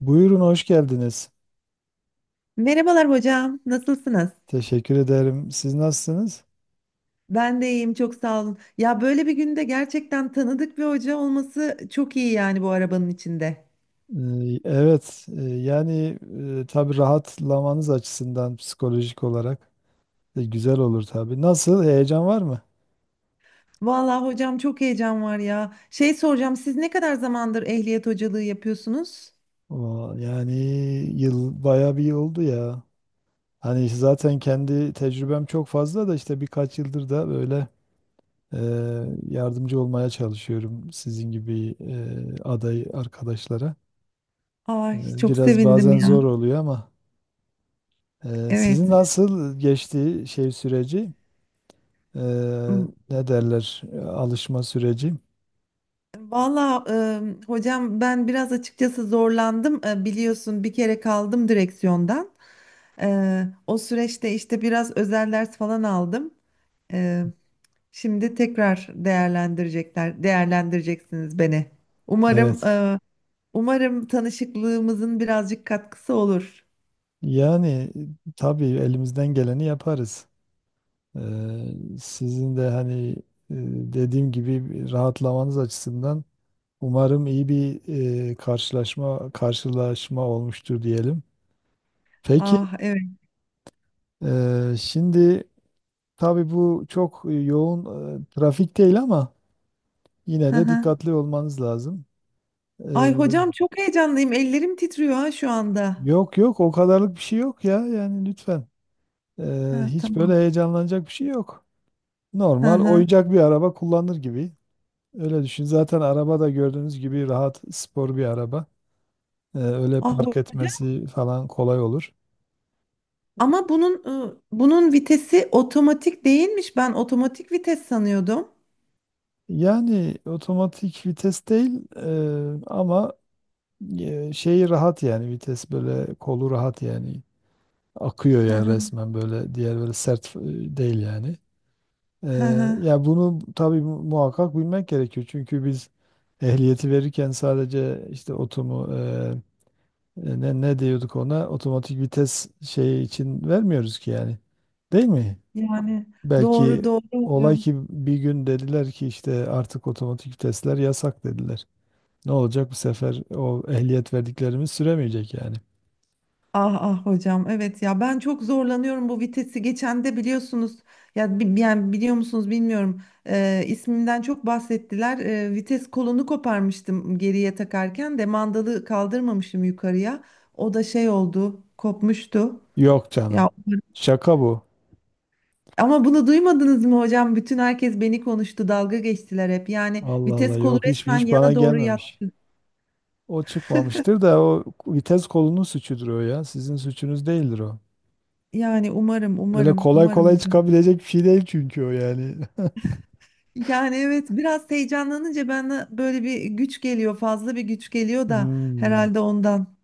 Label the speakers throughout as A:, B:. A: Buyurun hoş geldiniz.
B: Merhabalar hocam, nasılsınız?
A: Teşekkür ederim. Siz nasılsınız?
B: Ben de iyiyim, çok sağ olun. Ya böyle bir günde gerçekten tanıdık bir hoca olması çok iyi yani bu arabanın içinde.
A: Evet, yani tabii rahatlamanız açısından psikolojik olarak güzel olur tabii. Nasıl? Heyecan var mı?
B: Vallahi hocam çok heyecan var ya. Şey soracağım, siz ne kadar zamandır ehliyet hocalığı yapıyorsunuz?
A: Oo, yani yıl bayağı bir yıl oldu ya. Hani zaten kendi tecrübem çok fazla da işte birkaç yıldır da böyle e, yardımcı olmaya çalışıyorum sizin gibi aday arkadaşlara. E,
B: Ay çok
A: biraz
B: sevindim
A: bazen
B: ya.
A: zor oluyor ama. Sizin
B: Evet.
A: nasıl geçti şey süreci? Ee,
B: M-
A: ne derler? Alışma süreci.
B: Vallahi hocam ben biraz açıkçası zorlandım. Biliyorsun bir kere kaldım direksiyondan. O süreçte işte biraz özel ders falan aldım. Şimdi tekrar değerlendirecekler, değerlendireceksiniz beni. Umarım,
A: Evet.
B: e, umarım tanışıklığımızın birazcık katkısı olur.
A: Yani tabii elimizden geleni yaparız. Ee, sizin de hani e, dediğim gibi rahatlamanız açısından umarım iyi bir karşılaşma olmuştur diyelim. Peki,
B: Ah evet.
A: şimdi tabii bu çok yoğun trafik değil ama yine
B: Hı
A: de
B: hı.
A: dikkatli olmanız lazım. Ee,
B: Ay hocam çok heyecanlıyım. Ellerim titriyor ha şu anda.
A: Yok yok, o kadarlık bir şey yok ya, yani lütfen. Ee,
B: Ha
A: hiç
B: tamam.
A: böyle heyecanlanacak bir şey yok.
B: Hı
A: Normal
B: hı.
A: oyuncak bir araba kullanır gibi. Öyle düşün. Zaten araba da gördüğünüz gibi rahat, spor bir araba. Öyle
B: Ah
A: park
B: hocam.
A: etmesi falan kolay olur.
B: Ama bunun vitesi otomatik değilmiş. Ben otomatik vites sanıyordum.
A: Yani otomatik vites değil, ama şeyi rahat yani, vites böyle kolu rahat, yani akıyor
B: Hı
A: yani
B: hı.
A: resmen, böyle diğer böyle sert değil yani.
B: Hı
A: Eee,
B: hı.
A: ya bunu tabii muhakkak bilmek gerekiyor. Çünkü biz ehliyeti verirken sadece işte otomu ne diyorduk ona, otomatik vites şeyi için vermiyoruz ki yani. Değil mi?
B: Yani
A: Belki
B: doğru doğru
A: olay
B: hocam.
A: ki bir gün dediler ki işte artık otomatik vitesler yasak, dediler. Ne olacak bu sefer, o ehliyet verdiklerimiz süremeyecek yani.
B: Ah ah hocam evet ya ben çok zorlanıyorum bu vitesi, geçen de biliyorsunuz ya, yani biliyor musunuz bilmiyorum, ismimden çok bahsettiler. Vites kolunu koparmıştım, geriye takarken de mandalı kaldırmamışım yukarıya, o da şey oldu, kopmuştu
A: Yok canım.
B: ya.
A: Şaka bu.
B: Ama bunu duymadınız mı hocam? Bütün herkes beni konuştu, dalga geçtiler hep. Yani
A: Allah Allah,
B: vites kolu
A: yok, hiç
B: resmen
A: hiç bana
B: yana doğru yat,
A: gelmemiş. O çıkmamıştır da, o vites kolunun suçudur o ya. Sizin suçunuz değildir o.
B: yani umarım
A: Öyle
B: umarım
A: kolay
B: umarım
A: kolay
B: hocam.
A: çıkabilecek bir şey değil çünkü o, yani.
B: Yani evet biraz heyecanlanınca bana böyle bir güç geliyor, fazla bir güç geliyor da,
A: Hmm.
B: herhalde ondan.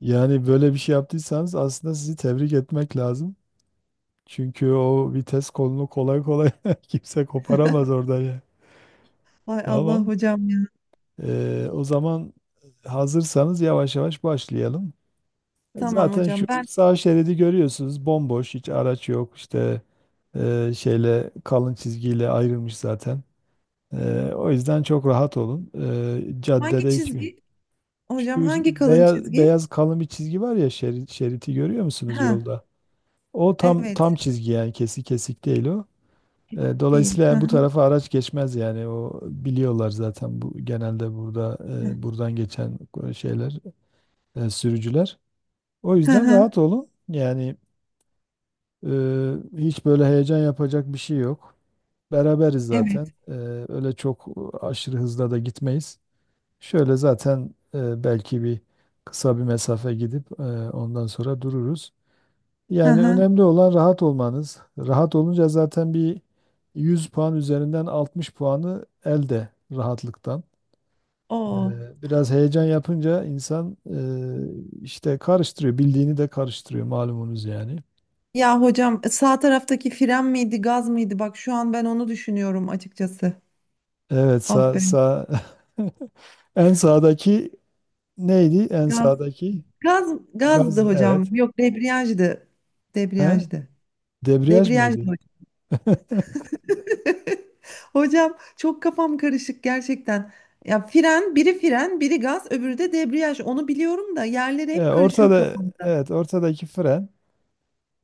A: Yani böyle bir şey yaptıysanız aslında sizi tebrik etmek lazım. Çünkü o vites kolunu kolay kolay kimse koparamaz oradan ya.
B: Vay Allah
A: Tamam.
B: hocam ya.
A: O zaman hazırsanız yavaş yavaş başlayalım.
B: Tamam
A: Zaten şu
B: hocam ben,
A: sağ şeridi görüyorsunuz, bomboş, hiç araç yok işte, şeyle kalın çizgiyle ayrılmış zaten. O yüzden çok rahat olun. E,
B: hangi
A: caddede hiçbir,
B: çizgi hocam,
A: şu
B: hangi kalın
A: beyaz
B: çizgi?
A: beyaz kalın bir çizgi var ya şerit, şeriti görüyor musunuz
B: Ha
A: yolda? O tam tam
B: evet,
A: çizgi yani, kesik kesik değil o. E,
B: değil.
A: dolayısıyla
B: Ha
A: yani bu
B: ha
A: tarafa araç geçmez yani, o biliyorlar zaten, bu genelde burada buradan geçen şeyler, sürücüler. O
B: ha
A: yüzden
B: ha,
A: rahat olun. Yani hiç böyle heyecan yapacak bir şey yok. Beraberiz
B: evet.
A: zaten. Öyle çok aşırı hızla da gitmeyiz. Şöyle zaten belki bir kısa bir mesafe gidip ondan sonra dururuz.
B: Ha
A: Yani
B: ha.
A: önemli olan rahat olmanız. Rahat olunca zaten bir 100 puan üzerinden 60 puanı elde, rahatlıktan. Ee,
B: O.
A: biraz heyecan yapınca insan işte karıştırıyor. Bildiğini de karıştırıyor, malumunuz yani.
B: Ya hocam sağ taraftaki fren miydi, gaz mıydı? Bak şu an ben onu düşünüyorum açıkçası.
A: Evet,
B: Ah
A: sağ,
B: be.
A: sağ. En sağdaki neydi? En
B: Gaz
A: sağdaki
B: gaz
A: gaz,
B: gazdı
A: evet.
B: hocam. Yok, debriyajdı.
A: He?
B: Debriyajdı.
A: Debriyaj
B: Debriyajdı.
A: mıydı?
B: Hocam çok kafam karışık gerçekten. Ya biri fren, biri gaz, öbürü de debriyaj. Onu biliyorum da yerleri
A: E,
B: hep karışıyor
A: ortada
B: kafamda.
A: evet, ortadaki fren,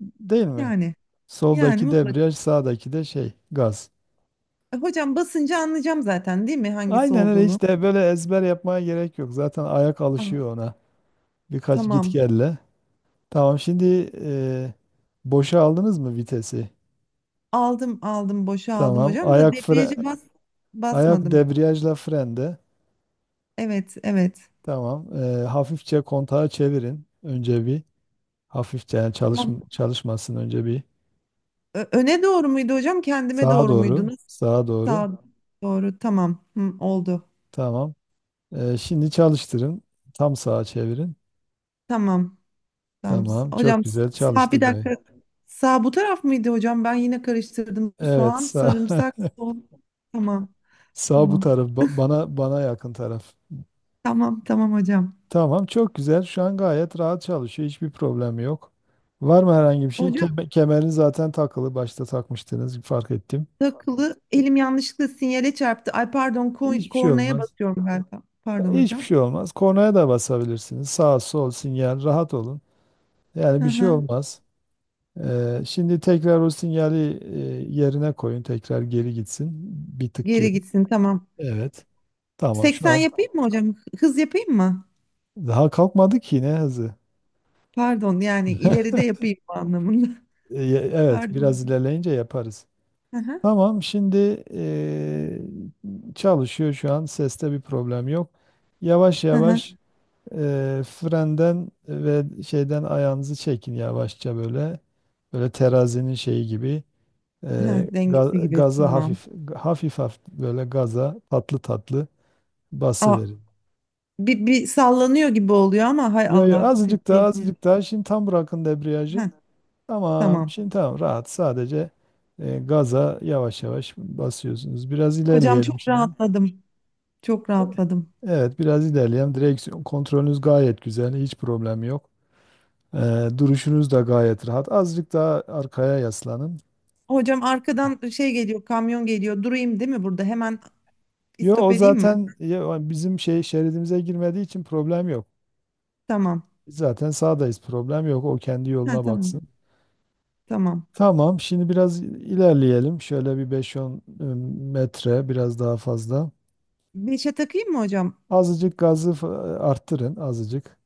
A: değil mi?
B: Yani, yani
A: Soldaki
B: mutlak.
A: debriyaj, sağdaki de şey, gaz.
B: Hocam basınca anlayacağım zaten değil mi hangisi
A: Aynen öyle,
B: olduğunu?
A: hiç de böyle ezber yapmaya gerek yok. Zaten ayak
B: Ah,
A: alışıyor ona. Birkaç git
B: tamam.
A: gelle. Tamam, şimdi boşa aldınız mı vitesi?
B: Aldım, aldım, boşa aldım
A: Tamam.
B: hocam, da
A: Ayak fre
B: debriyaja bas
A: ayak
B: basmadım.
A: debriyajla frende.
B: Evet, evet.
A: Tamam. Hafifçe kontağı çevirin. Önce bir, hafifçe yani,
B: Tamam.
A: çalışmasın önce bir,
B: Öne doğru muydu hocam? Kendime
A: sağa
B: doğru muydu?
A: doğru.
B: Nasıl?
A: Sağa doğru.
B: Sağ doğru. Tamam. Hı, oldu.
A: Tamam. Şimdi çalıştırın. Tam sağa çevirin.
B: Tamam. Tamam.
A: Tamam. Çok
B: Hocam
A: güzel
B: sağ, bir
A: çalıştı gayet.
B: dakika. Sağ bu taraf mıydı hocam? Ben yine karıştırdım.
A: Evet,
B: Soğan,
A: sağ,
B: sarımsak, sol. Tamam.
A: sağ bu
B: Tamam.
A: taraf, bana yakın taraf.
B: Tamam. Tamam hocam.
A: Tamam çok güzel. Şu an gayet rahat çalışıyor. Hiçbir problem yok. Var mı herhangi bir şey?
B: Hocam
A: Kemer, kemerin zaten takılı. Başta takmıştınız, fark ettim.
B: takılı, elim yanlışlıkla sinyale çarptı. Ay pardon,
A: Hiçbir şey
B: kornaya
A: olmaz.
B: basıyorum galiba. Pardon
A: Hiçbir
B: hocam.
A: şey olmaz. Kornaya da basabilirsiniz. Sağ, sol, sinyal, rahat olun. Yani
B: Hı
A: bir şey
B: hı.
A: olmaz. Şimdi tekrar o sinyali yerine koyun. Tekrar geri gitsin. Bir tık geri.
B: Geri gitsin, tamam.
A: Evet. Tamam şu
B: 80
A: an.
B: yapayım mı hocam? Hız yapayım mı?
A: Daha kalkmadı ki ne hızı.
B: Pardon, yani ileride yapayım anlamında.
A: E, Evet,
B: Pardon
A: biraz
B: hocam.
A: ilerleyince yaparız.
B: Hı hı.
A: Tamam, şimdi çalışıyor şu an. Seste bir problem yok. Yavaş
B: Hı hı.
A: yavaş, frenden ve şeyden ayağınızı çekin yavaşça böyle. Böyle terazinin şeyi gibi.
B: Hı,
A: Eee,
B: dengesi
A: ga-
B: gibi,
A: gaza
B: tamam.
A: hafif hafif böyle, gaza tatlı tatlı
B: Aa,
A: basıverin.
B: bir sallanıyor gibi oluyor ama hay
A: Yo yo,
B: Allah.
A: azıcık daha, azıcık daha, şimdi tam bırakın debriyajı.
B: Heh,
A: Tamam
B: tamam.
A: şimdi, tamam, rahat, sadece gaza yavaş yavaş basıyorsunuz. Biraz
B: Hocam
A: ilerleyelim
B: çok
A: şimdi.
B: rahatladım. Çok
A: E,
B: rahatladım.
A: Evet, biraz ilerleyelim. Direksiyon kontrolünüz gayet güzel, hiç problem yok. Duruşunuz da gayet rahat. Azıcık daha arkaya yaslanın.
B: Hocam arkadan şey geliyor, kamyon geliyor. Durayım değil mi burada? Hemen
A: Yo,
B: istop
A: o
B: edeyim mi?
A: zaten ya, o bizim şey şeridimize girmediği için problem yok.
B: Tamam.
A: Biz zaten sağdayız, problem yok. O kendi
B: Ha,
A: yoluna
B: tamam.
A: baksın.
B: Tamam.
A: Tamam şimdi biraz ilerleyelim. Şöyle bir beş on metre, biraz daha fazla.
B: Beşe takayım mı hocam?
A: Azıcık gazı arttırın azıcık.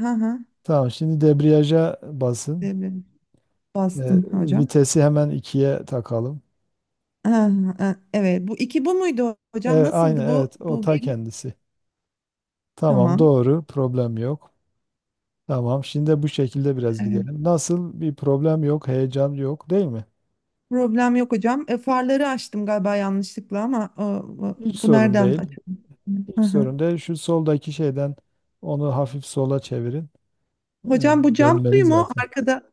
B: Ha ha.
A: Tamam şimdi debriyaja basın.
B: Devrelim.
A: Ee,
B: Bastım hocam.
A: vitesi hemen 2'ye takalım.
B: Ha, ha, ha. Evet. Bu iki bu muydu hocam?
A: Evet, aynı,
B: Nasıldı bu?
A: evet, o
B: Bu
A: ta
B: gemi?
A: kendisi. Tamam,
B: Tamam.
A: doğru, problem yok. Tamam, şimdi bu şekilde biraz
B: Evet.
A: gidelim. Nasıl, bir problem yok, heyecan yok değil mi?
B: Problem yok hocam. Farları açtım galiba yanlışlıkla ama bu
A: Hiç
B: bu
A: sorun
B: nereden
A: değil.
B: açıldı?
A: Hiç
B: Hı hı.
A: sorun değil. Şu soldaki şeyden, onu hafif sola çevirin. Ee,
B: Hocam bu cam
A: dönmeli
B: suyu mu?
A: zaten.
B: Arkada,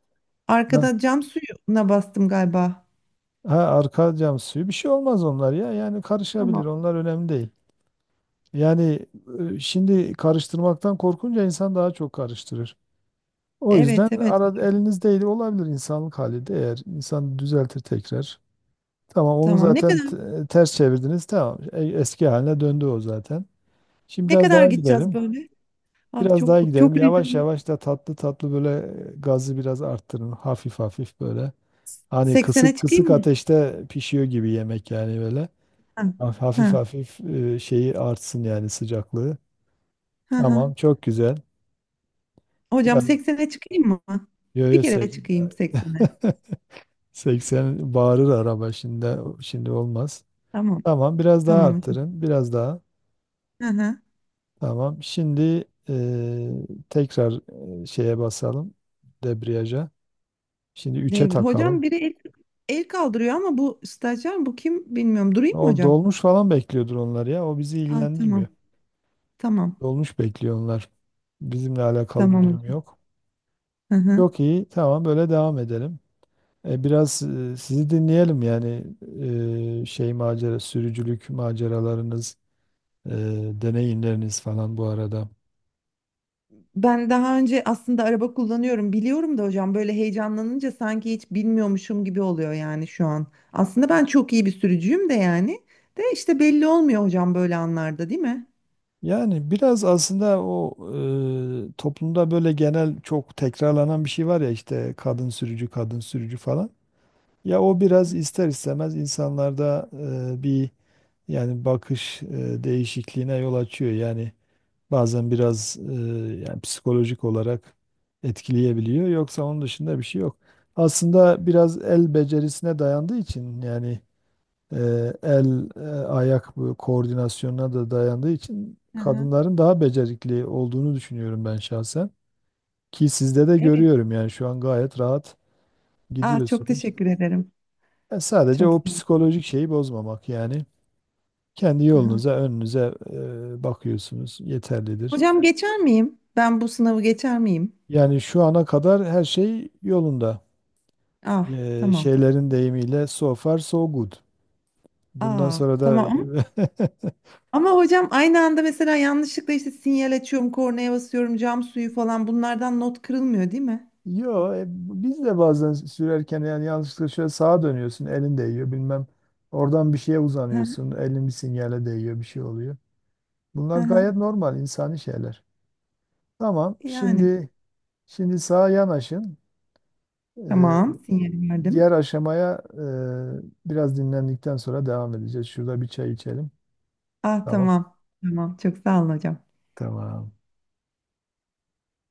A: Ha,
B: cam suyuna bastım galiba.
A: ha, arka cam suyu bir şey olmaz onlar ya. Yani karışabilir.
B: Tamam.
A: Onlar önemli değil. Yani şimdi karıştırmaktan korkunca insan daha çok karıştırır. O yüzden
B: Evet evet hocam.
A: elinizdeydi olabilir, insanlık hali, de eğer insan düzeltir tekrar. Tamam, onu
B: Tamam. Ne
A: zaten
B: kadar,
A: ters çevirdiniz. Tamam. Eski haline döndü o zaten. Şimdi biraz daha
B: gideceğiz
A: gidelim.
B: tamam böyle? Ah
A: Biraz daha
B: çok
A: gidelim.
B: çok
A: Yavaş
B: heyecanlı.
A: yavaş da tatlı tatlı böyle, gazı biraz arttırın. Hafif hafif böyle. Hani
B: 80'e
A: kısık
B: çıkayım
A: kısık
B: mı?
A: ateşte pişiyor gibi yemek, yani böyle.
B: Ha,
A: Hafif
B: ha,
A: hafif, şeyi artsın yani, sıcaklığı.
B: ha, ha.
A: Tamam çok güzel.
B: Hocam
A: Evet.
B: 80'e çıkayım mı?
A: Yo
B: Bir
A: yo,
B: kere çıkayım 80'e.
A: 80 bağırır araba şimdi, şimdi olmaz.
B: Tamam.
A: Tamam biraz daha
B: Tamam hocam.
A: arttırın. Biraz daha.
B: Hı hı.
A: Tamam. Şimdi eee, tekrar şeye basalım. Debriyaja. Şimdi 3'e
B: Hocam
A: takalım.
B: biri el kaldırıyor ama bu stajyer, bu kim, bilmiyorum. Durayım mı
A: O
B: hocam?
A: dolmuş falan bekliyordur onlar ya. O bizi
B: Aa, tamam.
A: ilgilendirmiyor.
B: Tamam.
A: Dolmuş bekliyor onlar. Bizimle alakalı bir
B: Tamam
A: durum
B: hocam.
A: yok.
B: Hı hı.
A: Çok iyi. Tamam böyle devam edelim. Biraz sizi dinleyelim yani, sürücülük maceralarınız, e, deneyimleriniz falan bu arada.
B: Ben daha önce aslında araba kullanıyorum, biliyorum da hocam, böyle heyecanlanınca sanki hiç bilmiyormuşum gibi oluyor yani şu an. Aslında ben çok iyi bir sürücüyüm de, yani de işte belli olmuyor hocam böyle anlarda, değil mi?
A: Yani biraz aslında o, toplumda böyle genel çok tekrarlanan bir şey var ya, işte kadın sürücü, kadın sürücü falan. Ya o biraz ister istemez insanlarda bir yani bakış değişikliğine yol açıyor. Yani bazen biraz yani psikolojik olarak etkileyebiliyor. Yoksa onun dışında bir şey yok. Aslında biraz el becerisine dayandığı için, yani e, el ayak, bu koordinasyonuna da dayandığı için
B: Hı hı.
A: kadınların daha becerikli olduğunu düşünüyorum ben şahsen. Ki sizde de
B: Evet.
A: görüyorum yani, şu an gayet rahat
B: Ah çok
A: gidiyorsunuz.
B: teşekkür ederim.
A: Sadece
B: Çok
A: o
B: sağ olun.
A: psikolojik şeyi bozmamak yani. Kendi
B: Aha.
A: yolunuza, önünüze bakıyorsunuz, yeterlidir.
B: Hocam geçer miyim? Ben bu sınavı geçer miyim?
A: Yani şu ana kadar her şey yolunda.
B: Ah
A: E,
B: tamam.
A: şeylerin deyimiyle, so far so good. Bundan
B: Aa,
A: sonra da
B: tamam ama, hocam aynı anda mesela yanlışlıkla işte sinyal açıyorum, kornaya basıyorum, cam suyu falan, bunlardan not kırılmıyor değil mi?
A: Yo, biz de bazen sürerken yani yanlışlıkla şöyle sağa dönüyorsun, elin değiyor bilmem. Oradan bir şeye
B: Hı
A: uzanıyorsun, elin bir sinyale değiyor, bir şey oluyor.
B: hı.
A: Bunlar
B: Hı.
A: gayet normal insani şeyler. Tamam,
B: Yani
A: şimdi, şimdi sağa yanaşın. Ee,
B: tamam, sinyal
A: diğer
B: verdim.
A: aşamaya biraz dinlendikten sonra devam edeceğiz. Şurada bir çay içelim.
B: Ah
A: Tamam.
B: tamam. Tamam çok sağ olun hocam.
A: Tamam.